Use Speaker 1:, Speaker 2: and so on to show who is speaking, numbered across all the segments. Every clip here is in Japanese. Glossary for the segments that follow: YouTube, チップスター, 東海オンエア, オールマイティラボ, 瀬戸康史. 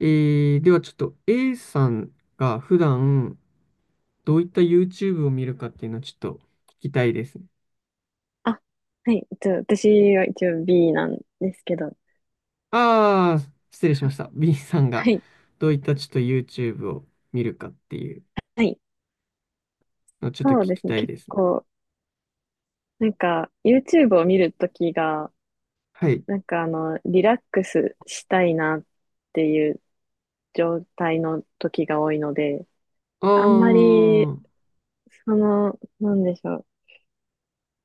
Speaker 1: ではちょっと A さんが普段どういった YouTube を見るかっていうのをちょっと聞きたいですね。
Speaker 2: あ、はい。私は一応 B なんですけど。
Speaker 1: ああ、失礼しました。B さんが
Speaker 2: はい。
Speaker 1: どういったちょっと YouTube を見るかっていう
Speaker 2: はい。
Speaker 1: のをちょっと聞
Speaker 2: そうで
Speaker 1: き
Speaker 2: すね。
Speaker 1: たい
Speaker 2: 結
Speaker 1: ですね。
Speaker 2: 構、なんか、YouTube を見るときが、
Speaker 1: はい。
Speaker 2: なんかあの、リラックスしたいなっていう状態の時が多いので、
Speaker 1: ああ、
Speaker 2: あんまり、その、なんでしょう。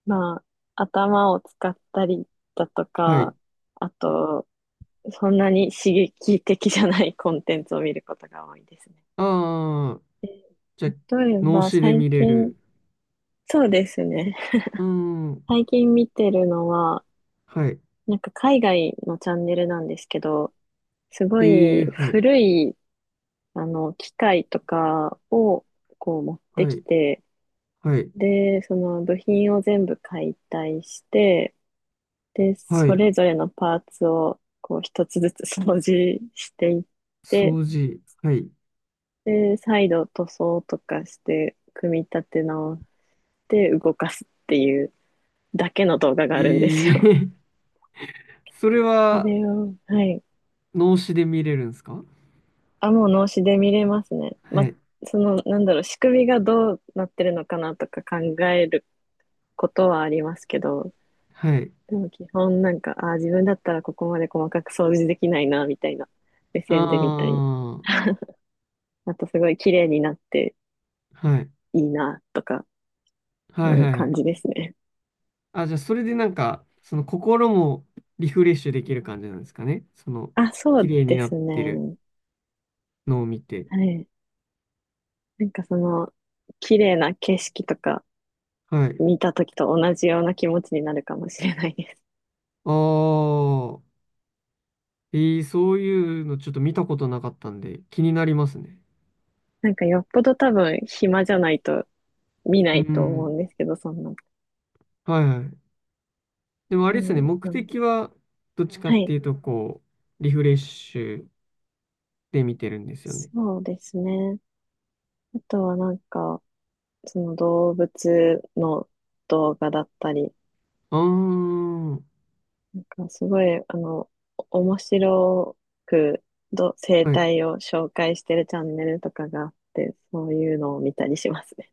Speaker 2: まあ、頭を使ったりだと
Speaker 1: はい。
Speaker 2: か、あと、そんなに刺激的じゃないコンテンツを見ることが多いですね。
Speaker 1: ああ、じゃあ、
Speaker 2: 例え
Speaker 1: 脳
Speaker 2: ば、
Speaker 1: 死で
Speaker 2: 最
Speaker 1: 見れ
Speaker 2: 近、
Speaker 1: る。
Speaker 2: そうですね。
Speaker 1: うーん、
Speaker 2: 最近見てるのは、
Speaker 1: はい。
Speaker 2: なんか海外のチャンネルなんですけど、す
Speaker 1: え
Speaker 2: ごい
Speaker 1: ー、はい。
Speaker 2: 古い、あの、機械とかをこう持って
Speaker 1: は
Speaker 2: き
Speaker 1: い。
Speaker 2: て、
Speaker 1: はい。
Speaker 2: で、その部品を全部解体して、で、
Speaker 1: は
Speaker 2: そ
Speaker 1: い。
Speaker 2: れぞれのパーツをこう一つずつ掃除していって、
Speaker 1: 掃除。はい。
Speaker 2: で、再度塗装とかして組み立て直して動かすっていうだけの動画が
Speaker 1: え
Speaker 2: あるんですよ。
Speaker 1: ー、それ
Speaker 2: そ
Speaker 1: は
Speaker 2: れを、はい、
Speaker 1: 脳死で見れるんですか？
Speaker 2: あ、もう脳死で見れますね。ま
Speaker 1: は
Speaker 2: あ、
Speaker 1: い。
Speaker 2: その、なんだろう、仕組みがどうなってるのかなとか考えることはありますけど、
Speaker 1: はい。
Speaker 2: でも基本なんか、ああ自分だったらここまで細かく掃除できないな、みたいな目
Speaker 1: あ
Speaker 2: 線で見たり、
Speaker 1: あ、
Speaker 2: あとすごい綺麗になって
Speaker 1: はい。
Speaker 2: いいな、とか、
Speaker 1: は
Speaker 2: そ
Speaker 1: い
Speaker 2: うい
Speaker 1: は
Speaker 2: う
Speaker 1: いは
Speaker 2: 感
Speaker 1: い。
Speaker 2: じですね。
Speaker 1: あ、じゃあ、それでなんか、その心もリフレッシュできる感じなんですかね。
Speaker 2: あ、そ
Speaker 1: 綺
Speaker 2: う
Speaker 1: 麗に
Speaker 2: で
Speaker 1: なっ
Speaker 2: す
Speaker 1: てる
Speaker 2: ね。
Speaker 1: のを見て。
Speaker 2: はい。なんかその、綺麗な景色とか
Speaker 1: はい。
Speaker 2: 見た時と同じような気持ちになるかもしれないです。
Speaker 1: ああ、そういうのちょっと見たことなかったんで、気になりますね。
Speaker 2: なんかよっぽど多分暇じゃないと見な
Speaker 1: う
Speaker 2: いと思うん
Speaker 1: ん。
Speaker 2: ですけど、そんな。
Speaker 1: はいはい。でもあれ
Speaker 2: で
Speaker 1: ですね、
Speaker 2: も、
Speaker 1: 目
Speaker 2: うん、
Speaker 1: 的は、どっちかっ
Speaker 2: は
Speaker 1: て
Speaker 2: い。
Speaker 1: いうと、リフレッシュで見てるんですよね。
Speaker 2: そうですね。あとはなんか、その動物の動画だったり、
Speaker 1: ああ、
Speaker 2: なんかすごい、あの、お面白くど生
Speaker 1: はい。
Speaker 2: 態を紹介してるチャンネルとかがあって、そういうのを見たりしますね。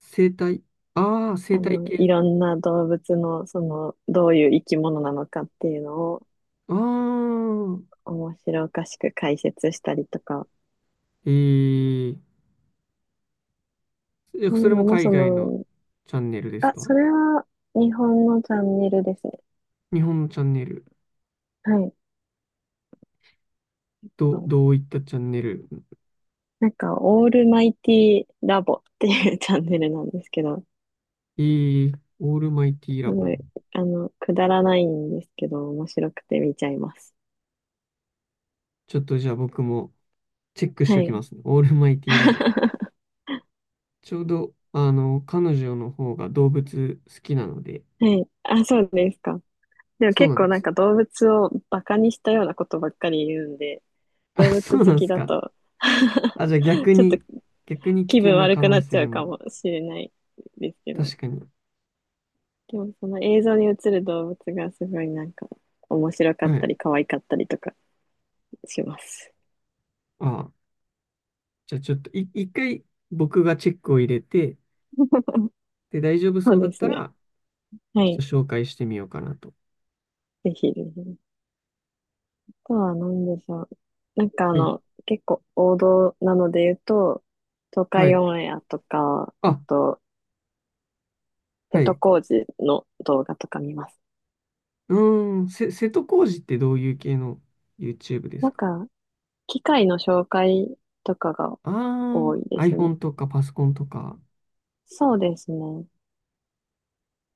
Speaker 1: 生態。ああ、
Speaker 2: あ
Speaker 1: 生態
Speaker 2: の、い
Speaker 1: 系。
Speaker 2: ろんな動物の、その、どういう生き物なのかっていうのを
Speaker 1: ああ、
Speaker 2: 面白おかしく解説したりとか、
Speaker 1: えええ、
Speaker 2: そう
Speaker 1: そ
Speaker 2: いう
Speaker 1: れも
Speaker 2: のも
Speaker 1: 海
Speaker 2: そ
Speaker 1: 外の
Speaker 2: の、
Speaker 1: チャンネルです
Speaker 2: あ、
Speaker 1: か？
Speaker 2: それは日本のチャンネルですね。
Speaker 1: 日本のチャンネル。
Speaker 2: はい。は
Speaker 1: ど、
Speaker 2: い、
Speaker 1: どういったチャンネル？
Speaker 2: なんか、オールマイティラボっていう チャンネルなんですけど、
Speaker 1: えーオールマイティ
Speaker 2: す
Speaker 1: ラボ。
Speaker 2: ごいあの、くだらないんですけど、面白くて見ちゃいます。
Speaker 1: ちょっとじゃあ僕もチェックし
Speaker 2: は
Speaker 1: ておきま
Speaker 2: い。
Speaker 1: すね。オールマイティラボ。ちょうど、彼女の方が動物好きなので、
Speaker 2: はい。あ、そうですか。でも
Speaker 1: そう
Speaker 2: 結
Speaker 1: なん
Speaker 2: 構
Speaker 1: で
Speaker 2: なん
Speaker 1: す。
Speaker 2: か動物をバカにしたようなことばっかり言うんで、
Speaker 1: あ、
Speaker 2: 動物
Speaker 1: そう
Speaker 2: 好
Speaker 1: なんで
Speaker 2: き
Speaker 1: す
Speaker 2: だ
Speaker 1: か。
Speaker 2: と
Speaker 1: あ、じゃあ 逆
Speaker 2: ちょっと
Speaker 1: に、逆に危
Speaker 2: 気
Speaker 1: 険
Speaker 2: 分
Speaker 1: な
Speaker 2: 悪
Speaker 1: 可
Speaker 2: くな
Speaker 1: 能
Speaker 2: っちゃ
Speaker 1: 性
Speaker 2: うか
Speaker 1: も。
Speaker 2: もしれないですけど。
Speaker 1: 確かに。
Speaker 2: でもその映像に映る動物がすごいなんか面白かっ
Speaker 1: は
Speaker 2: た
Speaker 1: い。
Speaker 2: り可愛かったりとかします。
Speaker 1: あ、じゃあちょっと一回僕がチェックを入れて、で、大丈夫
Speaker 2: そ
Speaker 1: そ
Speaker 2: う
Speaker 1: うだっ
Speaker 2: です
Speaker 1: た
Speaker 2: ね。
Speaker 1: ら、
Speaker 2: は
Speaker 1: ちょ
Speaker 2: い。
Speaker 1: っと紹介してみようかなと。
Speaker 2: ぜひぜひ。あとは何でしょう。なんかあ
Speaker 1: はい。
Speaker 2: の、結構王道なので言うと、東
Speaker 1: は
Speaker 2: 海
Speaker 1: い。
Speaker 2: オンエアとか、あ
Speaker 1: あ、
Speaker 2: と、瀬
Speaker 1: は
Speaker 2: 戸
Speaker 1: い。
Speaker 2: 康史の動画とか見ます。
Speaker 1: うーん、瀬戸康史ってどういう系の YouTube で
Speaker 2: な
Speaker 1: す
Speaker 2: ん
Speaker 1: か？
Speaker 2: か、機械の紹介とかが
Speaker 1: あ
Speaker 2: 多い
Speaker 1: あ
Speaker 2: で
Speaker 1: ー、
Speaker 2: すね。
Speaker 1: iPhone とかパソコンとか、
Speaker 2: そうですね。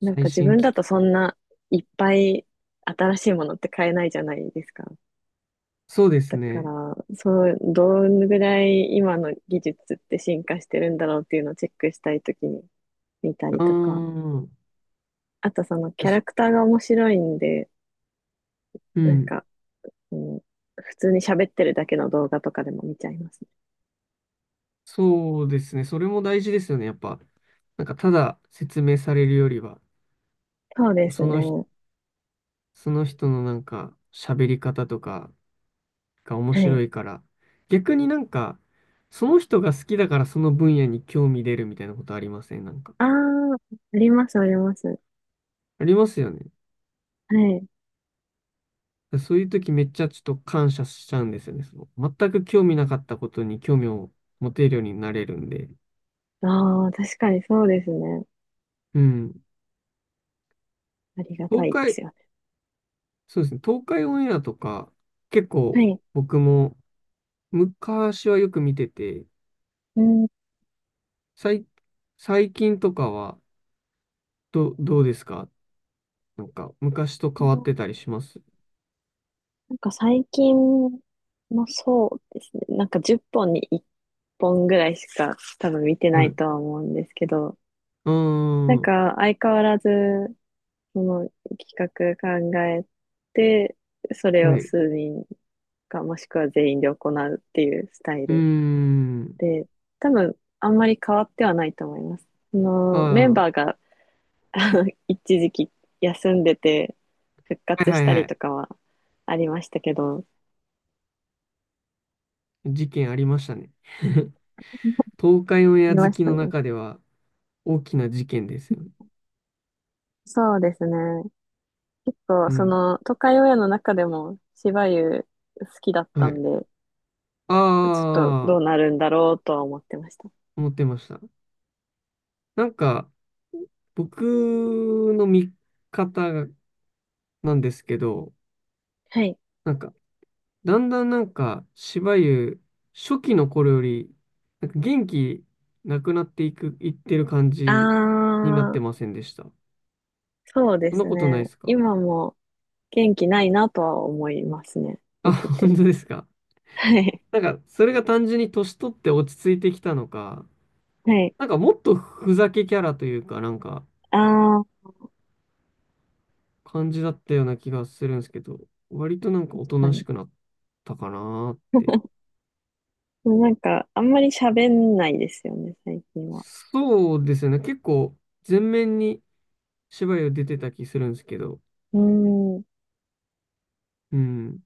Speaker 2: なん
Speaker 1: 最
Speaker 2: か自
Speaker 1: 新
Speaker 2: 分
Speaker 1: 機
Speaker 2: だと
Speaker 1: 器。
Speaker 2: そんないっぱい新しいものって買えないじゃないですか。
Speaker 1: そうです
Speaker 2: だか
Speaker 1: ね。
Speaker 2: ら、そう、どのぐらい今の技術って進化してるんだろうっていうのをチェックしたいときに見た
Speaker 1: う
Speaker 2: り
Speaker 1: ー
Speaker 2: とか、
Speaker 1: ん。
Speaker 2: あとそのキャラ
Speaker 1: 確
Speaker 2: クターが面白いんで、
Speaker 1: う
Speaker 2: なん
Speaker 1: ん。
Speaker 2: か、うん、普通に喋ってるだけの動画とかでも見ちゃいますね。
Speaker 1: そうですね。それも大事ですよね。やっぱ、なんか、ただ説明されるよりは、
Speaker 2: そうです
Speaker 1: その人、
Speaker 2: ね。
Speaker 1: その人のなんか、喋り方とか、が面
Speaker 2: は
Speaker 1: 白
Speaker 2: い。
Speaker 1: いから。逆になんか、その人が好きだからその分野に興味出るみたいなことありませんなんか。
Speaker 2: ああ、あります、あります。
Speaker 1: ありますよね。
Speaker 2: はい。
Speaker 1: そういう時めっちゃちょっと感謝しちゃうんですよね。その全く興味なかったことに興味を持てるようになれるんで。
Speaker 2: ああ、確かにそうですね。
Speaker 1: うん。
Speaker 2: ありがた
Speaker 1: 東
Speaker 2: いで
Speaker 1: 海、
Speaker 2: すよね。
Speaker 1: そうですね。東海オンエアとか、結構
Speaker 2: はい。
Speaker 1: 僕も昔はよく見てて、
Speaker 2: うん。
Speaker 1: 最、最近とかはどうですか？なんか昔と変わってたりします？
Speaker 2: なんか最近もそうですね。なんか10本に1本ぐらいしか多分見て
Speaker 1: は
Speaker 2: な
Speaker 1: い。
Speaker 2: い
Speaker 1: う
Speaker 2: とは思うんですけど、
Speaker 1: ー
Speaker 2: なん
Speaker 1: ん。
Speaker 2: か相変わらず、その企画考えて、それ
Speaker 1: は
Speaker 2: を
Speaker 1: い。
Speaker 2: 数人かもしくは全員で行うっていうスタイ
Speaker 1: うー
Speaker 2: ル
Speaker 1: ん。
Speaker 2: で、多分あんまり変わってはないと思います。そ
Speaker 1: あ
Speaker 2: のメン
Speaker 1: あ、は
Speaker 2: バーが 一時期休んでて復
Speaker 1: い
Speaker 2: 活
Speaker 1: は
Speaker 2: し
Speaker 1: い
Speaker 2: た
Speaker 1: は
Speaker 2: り
Speaker 1: い。
Speaker 2: とかはありましたけど、
Speaker 1: 事件ありましたね。東海オンエア
Speaker 2: 見
Speaker 1: 好
Speaker 2: まし
Speaker 1: き
Speaker 2: た
Speaker 1: の
Speaker 2: ね。
Speaker 1: 中では大きな事件ですよね。
Speaker 2: そうですね。そ
Speaker 1: う
Speaker 2: う、そ
Speaker 1: ん。
Speaker 2: の、都会親の中でも、芝生好きだっ
Speaker 1: は
Speaker 2: た
Speaker 1: い。
Speaker 2: んで、
Speaker 1: あ
Speaker 2: ちょっとどう
Speaker 1: あ、
Speaker 2: なるんだろうとは思ってました。
Speaker 1: 思ってました。なんか、僕の見方がなんですけど、
Speaker 2: はい。
Speaker 1: なんか、だんだんなんか、しばゆ初期の頃より、なんか元気なくなっていく、いってる感
Speaker 2: あ
Speaker 1: じになっ
Speaker 2: ー、
Speaker 1: てませんでした？
Speaker 2: そう
Speaker 1: そ
Speaker 2: で
Speaker 1: んな
Speaker 2: す
Speaker 1: ことない
Speaker 2: ね。
Speaker 1: ですか？
Speaker 2: 今も元気ないなとは思いますね。
Speaker 1: あ、
Speaker 2: 見て
Speaker 1: 本
Speaker 2: て。
Speaker 1: 当ですか？
Speaker 2: はい。
Speaker 1: なんか、それが単純に年取って落ち着いてきたのか、
Speaker 2: はい。
Speaker 1: なんかもっとふざけキャラというか、なんか
Speaker 2: あー、
Speaker 1: 感じだったような気がするんですけど、割となんかお
Speaker 2: 確
Speaker 1: と
Speaker 2: か
Speaker 1: なし
Speaker 2: に。
Speaker 1: くなったかなーって。
Speaker 2: でもなんか、あんまり喋んないですよね、最近は。
Speaker 1: そうですよね。結構全面に芝居を出てた気するんですけど、
Speaker 2: うーん、
Speaker 1: うん。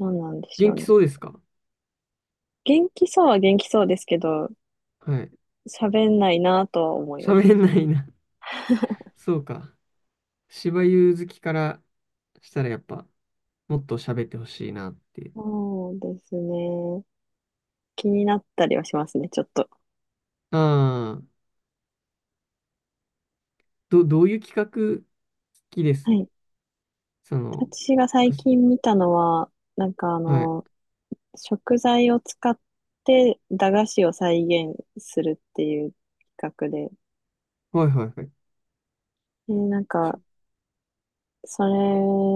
Speaker 2: どうなんでしょ
Speaker 1: 元
Speaker 2: う
Speaker 1: 気
Speaker 2: ね。
Speaker 1: そうですか？
Speaker 2: 元気そうは元気そうですけど、
Speaker 1: はい。
Speaker 2: 喋んないなとは思いま
Speaker 1: 喋
Speaker 2: す。
Speaker 1: んないな。そうか。芝居好きからしたらやっぱもっと喋ってほしいなって。
Speaker 2: そうですね。気になったりはしますね、ちょっと。
Speaker 1: ああ、どういう企画好きで
Speaker 2: は
Speaker 1: す？
Speaker 2: い。
Speaker 1: その、
Speaker 2: 私が最
Speaker 1: 私
Speaker 2: 近見たのは、なんかあ
Speaker 1: はい。
Speaker 2: の、食材を使って駄菓子を再現するっていう企画で、
Speaker 1: はいはいはい。
Speaker 2: で、なん
Speaker 1: しょ
Speaker 2: か、それ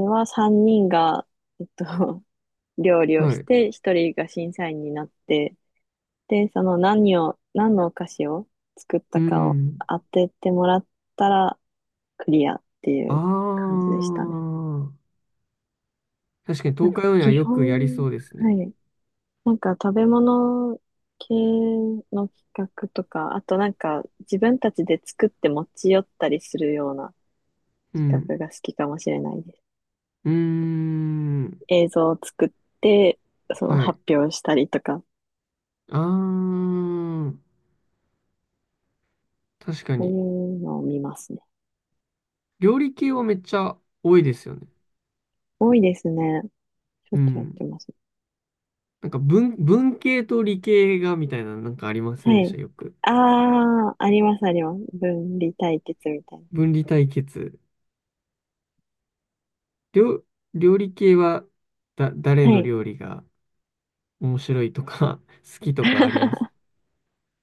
Speaker 2: は3人が、えっと、料理を
Speaker 1: は
Speaker 2: し
Speaker 1: い。
Speaker 2: て、1人が審査員になって、で、その何のお菓子を作っ
Speaker 1: う
Speaker 2: たかを
Speaker 1: ん。
Speaker 2: 当ててもらったら、クリアってい
Speaker 1: あ
Speaker 2: う感じでしたね。
Speaker 1: あ。確かに
Speaker 2: なん
Speaker 1: 東
Speaker 2: か
Speaker 1: 海オンエア
Speaker 2: 基
Speaker 1: よくやりそ
Speaker 2: 本、
Speaker 1: うですね。
Speaker 2: はい。なんか食べ物系の企画とか、あとなんか自分たちで作って持ち寄ったりするような
Speaker 1: う
Speaker 2: 企
Speaker 1: ん。
Speaker 2: 画が好きかもしれないです。
Speaker 1: うーん。
Speaker 2: 映像を作って、その
Speaker 1: はい。
Speaker 2: 発表したりとか、
Speaker 1: ああ。確か
Speaker 2: そう
Speaker 1: に。
Speaker 2: いうのを見ますね。
Speaker 1: 料理系はめっちゃ多いですよね。
Speaker 2: 多いですね。しょ
Speaker 1: う
Speaker 2: っちゅうやっ
Speaker 1: ん。
Speaker 2: てます。
Speaker 1: なんか文系と理系がみたいななんかありません
Speaker 2: は
Speaker 1: でした、
Speaker 2: い。
Speaker 1: よく？
Speaker 2: ああ、ありますあります。分離対決みたいな。
Speaker 1: 分離対決。料、料理系はだ、誰
Speaker 2: は
Speaker 1: の
Speaker 2: い。
Speaker 1: 料理が面白いとか 好きとかあります？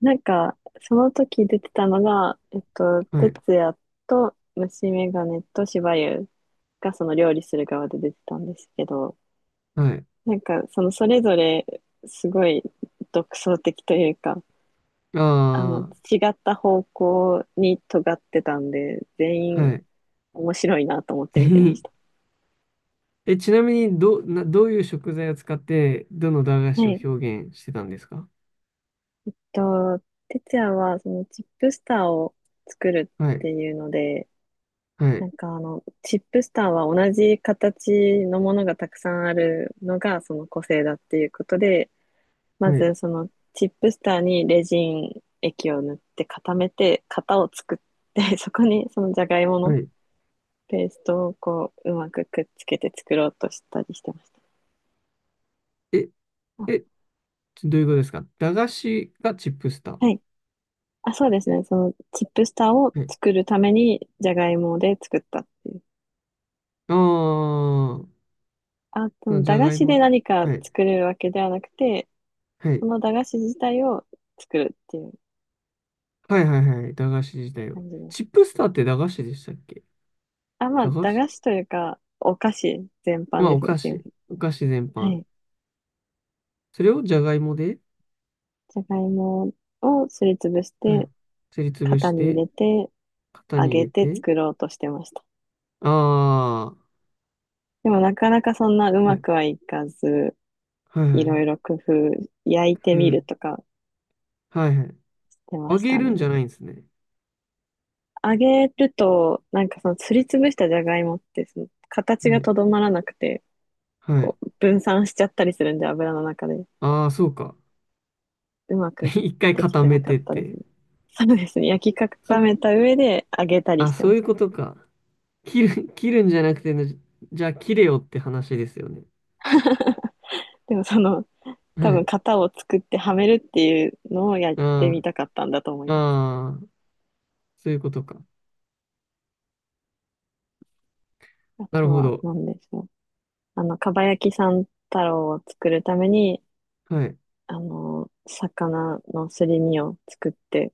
Speaker 2: なんか、その時出てたのが、
Speaker 1: はい。
Speaker 2: 哲也と虫眼鏡としばゆうがその料理する側で出てたんですけど、
Speaker 1: はい。
Speaker 2: なんか、そのそれぞれすごい独創的というか、あの、
Speaker 1: あ
Speaker 2: 違った方向に尖ってたんで、全
Speaker 1: あ、は
Speaker 2: 員
Speaker 1: い。
Speaker 2: 面白いなと思っ
Speaker 1: ぜ
Speaker 2: て見てま
Speaker 1: ひ。
Speaker 2: した。
Speaker 1: ちなみに、どういう食材を使って、どの駄菓
Speaker 2: は
Speaker 1: 子
Speaker 2: い。
Speaker 1: を表現してたんですか？
Speaker 2: と、哲也はそのチップスターを作る
Speaker 1: は
Speaker 2: っ
Speaker 1: い、
Speaker 2: ていうので、
Speaker 1: はい、
Speaker 2: なんかあの、チップスターは同じ形のものがたくさんあるのがその個性だっていうことで、ま
Speaker 1: はい、
Speaker 2: ずそのチップスターにレジン液を塗って固めて型を作って、そこにそのじゃがいも
Speaker 1: は
Speaker 2: の
Speaker 1: い。
Speaker 2: ペーストをこううまくくっつけて作ろうとしたりしてました。
Speaker 1: え、
Speaker 2: あ、
Speaker 1: え、どういうことですか？駄菓子がチップスター。
Speaker 2: はい。あ、そうですね。そのチップスターを
Speaker 1: はい。
Speaker 2: 作るためにじゃがいもで作ったっていう。
Speaker 1: ああ、
Speaker 2: あと、そ
Speaker 1: その
Speaker 2: の
Speaker 1: じ
Speaker 2: 駄
Speaker 1: ゃ
Speaker 2: 菓
Speaker 1: がい
Speaker 2: 子
Speaker 1: も
Speaker 2: で
Speaker 1: で。
Speaker 2: 何か
Speaker 1: はい、
Speaker 2: 作るわけではなくて、
Speaker 1: は
Speaker 2: そ
Speaker 1: い、
Speaker 2: の駄菓子自体を作るっていう
Speaker 1: はい、はい、はい。駄菓子自体を。
Speaker 2: 感じで
Speaker 1: チッ
Speaker 2: す。
Speaker 1: プスターって駄菓子でしたっけ？
Speaker 2: あ、まあ、
Speaker 1: 駄菓
Speaker 2: 駄
Speaker 1: 子
Speaker 2: 菓子というか、お菓子全
Speaker 1: ま
Speaker 2: 般
Speaker 1: あ、
Speaker 2: で
Speaker 1: お
Speaker 2: すね。
Speaker 1: 菓
Speaker 2: すいま
Speaker 1: 子。
Speaker 2: せん。
Speaker 1: お菓子全
Speaker 2: は
Speaker 1: 般。
Speaker 2: い。
Speaker 1: それをじゃがいもで、
Speaker 2: じゃがいもをすりつぶし
Speaker 1: はい。
Speaker 2: て、
Speaker 1: すりつぶ
Speaker 2: 型
Speaker 1: し
Speaker 2: に入
Speaker 1: て、
Speaker 2: れて、
Speaker 1: 型
Speaker 2: 揚
Speaker 1: に入
Speaker 2: げ
Speaker 1: れ
Speaker 2: て
Speaker 1: て、
Speaker 2: 作ろうとしてました。
Speaker 1: あ
Speaker 2: でもなかなかそんなう
Speaker 1: あ、は
Speaker 2: ま
Speaker 1: い、
Speaker 2: くはいかず、
Speaker 1: はいは
Speaker 2: いろ
Speaker 1: い、
Speaker 2: いろ工夫、焼いて
Speaker 1: ふ、
Speaker 2: みるとか
Speaker 1: はいはい。
Speaker 2: して
Speaker 1: あ
Speaker 2: まし
Speaker 1: げ
Speaker 2: た
Speaker 1: るんじゃ
Speaker 2: ね。
Speaker 1: ないんですね。
Speaker 2: 揚げると、なんかそのすりつぶしたじゃがいもって、その
Speaker 1: は
Speaker 2: 形が
Speaker 1: い、
Speaker 2: とどまらなくて、
Speaker 1: はい。
Speaker 2: こう分散しちゃったりするんで、油の中で。
Speaker 1: ああ、そうか。
Speaker 2: うま く
Speaker 1: 一回
Speaker 2: でき
Speaker 1: 固
Speaker 2: て
Speaker 1: め
Speaker 2: なか
Speaker 1: て
Speaker 2: っ
Speaker 1: っ
Speaker 2: たで
Speaker 1: て。
Speaker 2: すね。そうですね。焼き固
Speaker 1: そ、
Speaker 2: めた上で揚げたり
Speaker 1: あ、
Speaker 2: して
Speaker 1: そう
Speaker 2: ま
Speaker 1: い
Speaker 2: し
Speaker 1: う
Speaker 2: た。
Speaker 1: ことか。切るんじゃなくてね、じゃあ切れよって話ですよね。
Speaker 2: でもその、
Speaker 1: は
Speaker 2: 多分
Speaker 1: い。
Speaker 2: 型を作ってはめるっていうのをやって
Speaker 1: あ
Speaker 2: みたかったんだと思い
Speaker 1: あ、
Speaker 2: ます。
Speaker 1: ああ、そういうことか。
Speaker 2: あ
Speaker 1: な
Speaker 2: と
Speaker 1: るほ
Speaker 2: は
Speaker 1: ど。
Speaker 2: 何でしょう。あの、かば焼き三太郎を作るために、
Speaker 1: はい。
Speaker 2: あの、魚のすり身を作って、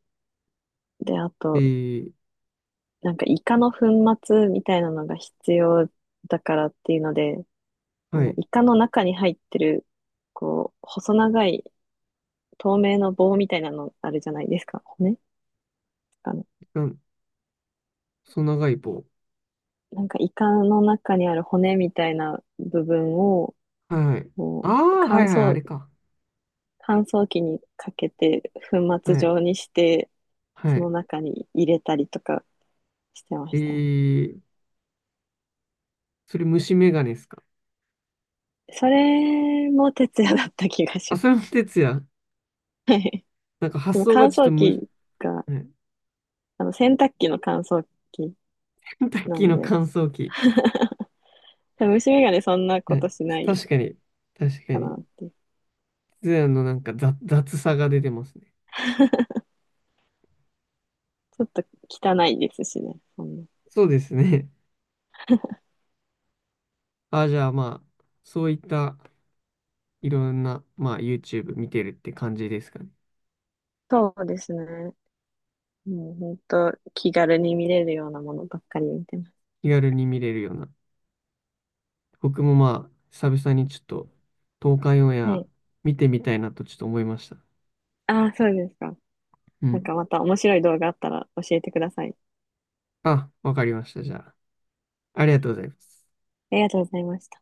Speaker 2: で、あ
Speaker 1: え
Speaker 2: と、
Speaker 1: ー、
Speaker 2: なんかイカの粉末みたいなのが必要だからっていうので、あ
Speaker 1: は
Speaker 2: の、
Speaker 1: い。
Speaker 2: イカの中に入ってる、こう、細長い透明の棒みたいなのあるじゃないですか。骨あの、
Speaker 1: なん、細長い棒。
Speaker 2: なんかイカの中にある骨みたいな部分を、
Speaker 1: はいはい。あ
Speaker 2: こう
Speaker 1: あ、はいはい、あれか。
Speaker 2: 乾燥機にかけて粉末
Speaker 1: はい、
Speaker 2: 状にして、
Speaker 1: は
Speaker 2: そ
Speaker 1: い。
Speaker 2: の中に入れたりとかしてま
Speaker 1: え
Speaker 2: したね。
Speaker 1: ー、それ虫眼鏡ですか？
Speaker 2: それも徹夜だった気がし
Speaker 1: あ、
Speaker 2: ま
Speaker 1: それも
Speaker 2: す。
Speaker 1: 哲也。
Speaker 2: はい。
Speaker 1: なんか
Speaker 2: そ
Speaker 1: 発
Speaker 2: の
Speaker 1: 想
Speaker 2: 乾
Speaker 1: がちょっと
Speaker 2: 燥
Speaker 1: むず、
Speaker 2: 機が、
Speaker 1: はい、
Speaker 2: あの洗濯機の乾燥機
Speaker 1: ケンタッ
Speaker 2: な
Speaker 1: キー
Speaker 2: ん
Speaker 1: の
Speaker 2: で、
Speaker 1: 乾燥機。
Speaker 2: 多分虫眼鏡そんな
Speaker 1: は
Speaker 2: こ
Speaker 1: い、
Speaker 2: としない
Speaker 1: 確かに、確か
Speaker 2: か
Speaker 1: に。
Speaker 2: なって。
Speaker 1: ツヤのなんか雑さが出てますね。
Speaker 2: ちょっと汚いですしね、そんな。
Speaker 1: そうですね。あ、じゃあまあ、そういったいろんな、まあ、YouTube 見てるって感じですかね。
Speaker 2: そうですね。もう本当気軽に見れるようなものばっかり見てます。
Speaker 1: 気軽に見れるような。僕もまあ、久々にちょっと、東海オンエ
Speaker 2: は
Speaker 1: ア
Speaker 2: い。
Speaker 1: 見てみたいなとちょっと思いました。
Speaker 2: ああ、そうですか。
Speaker 1: う
Speaker 2: なん
Speaker 1: ん。
Speaker 2: かまた面白い動画あったら教えてください。
Speaker 1: あ、わかりました。じゃあ、ありがとうございます。
Speaker 2: ありがとうございました。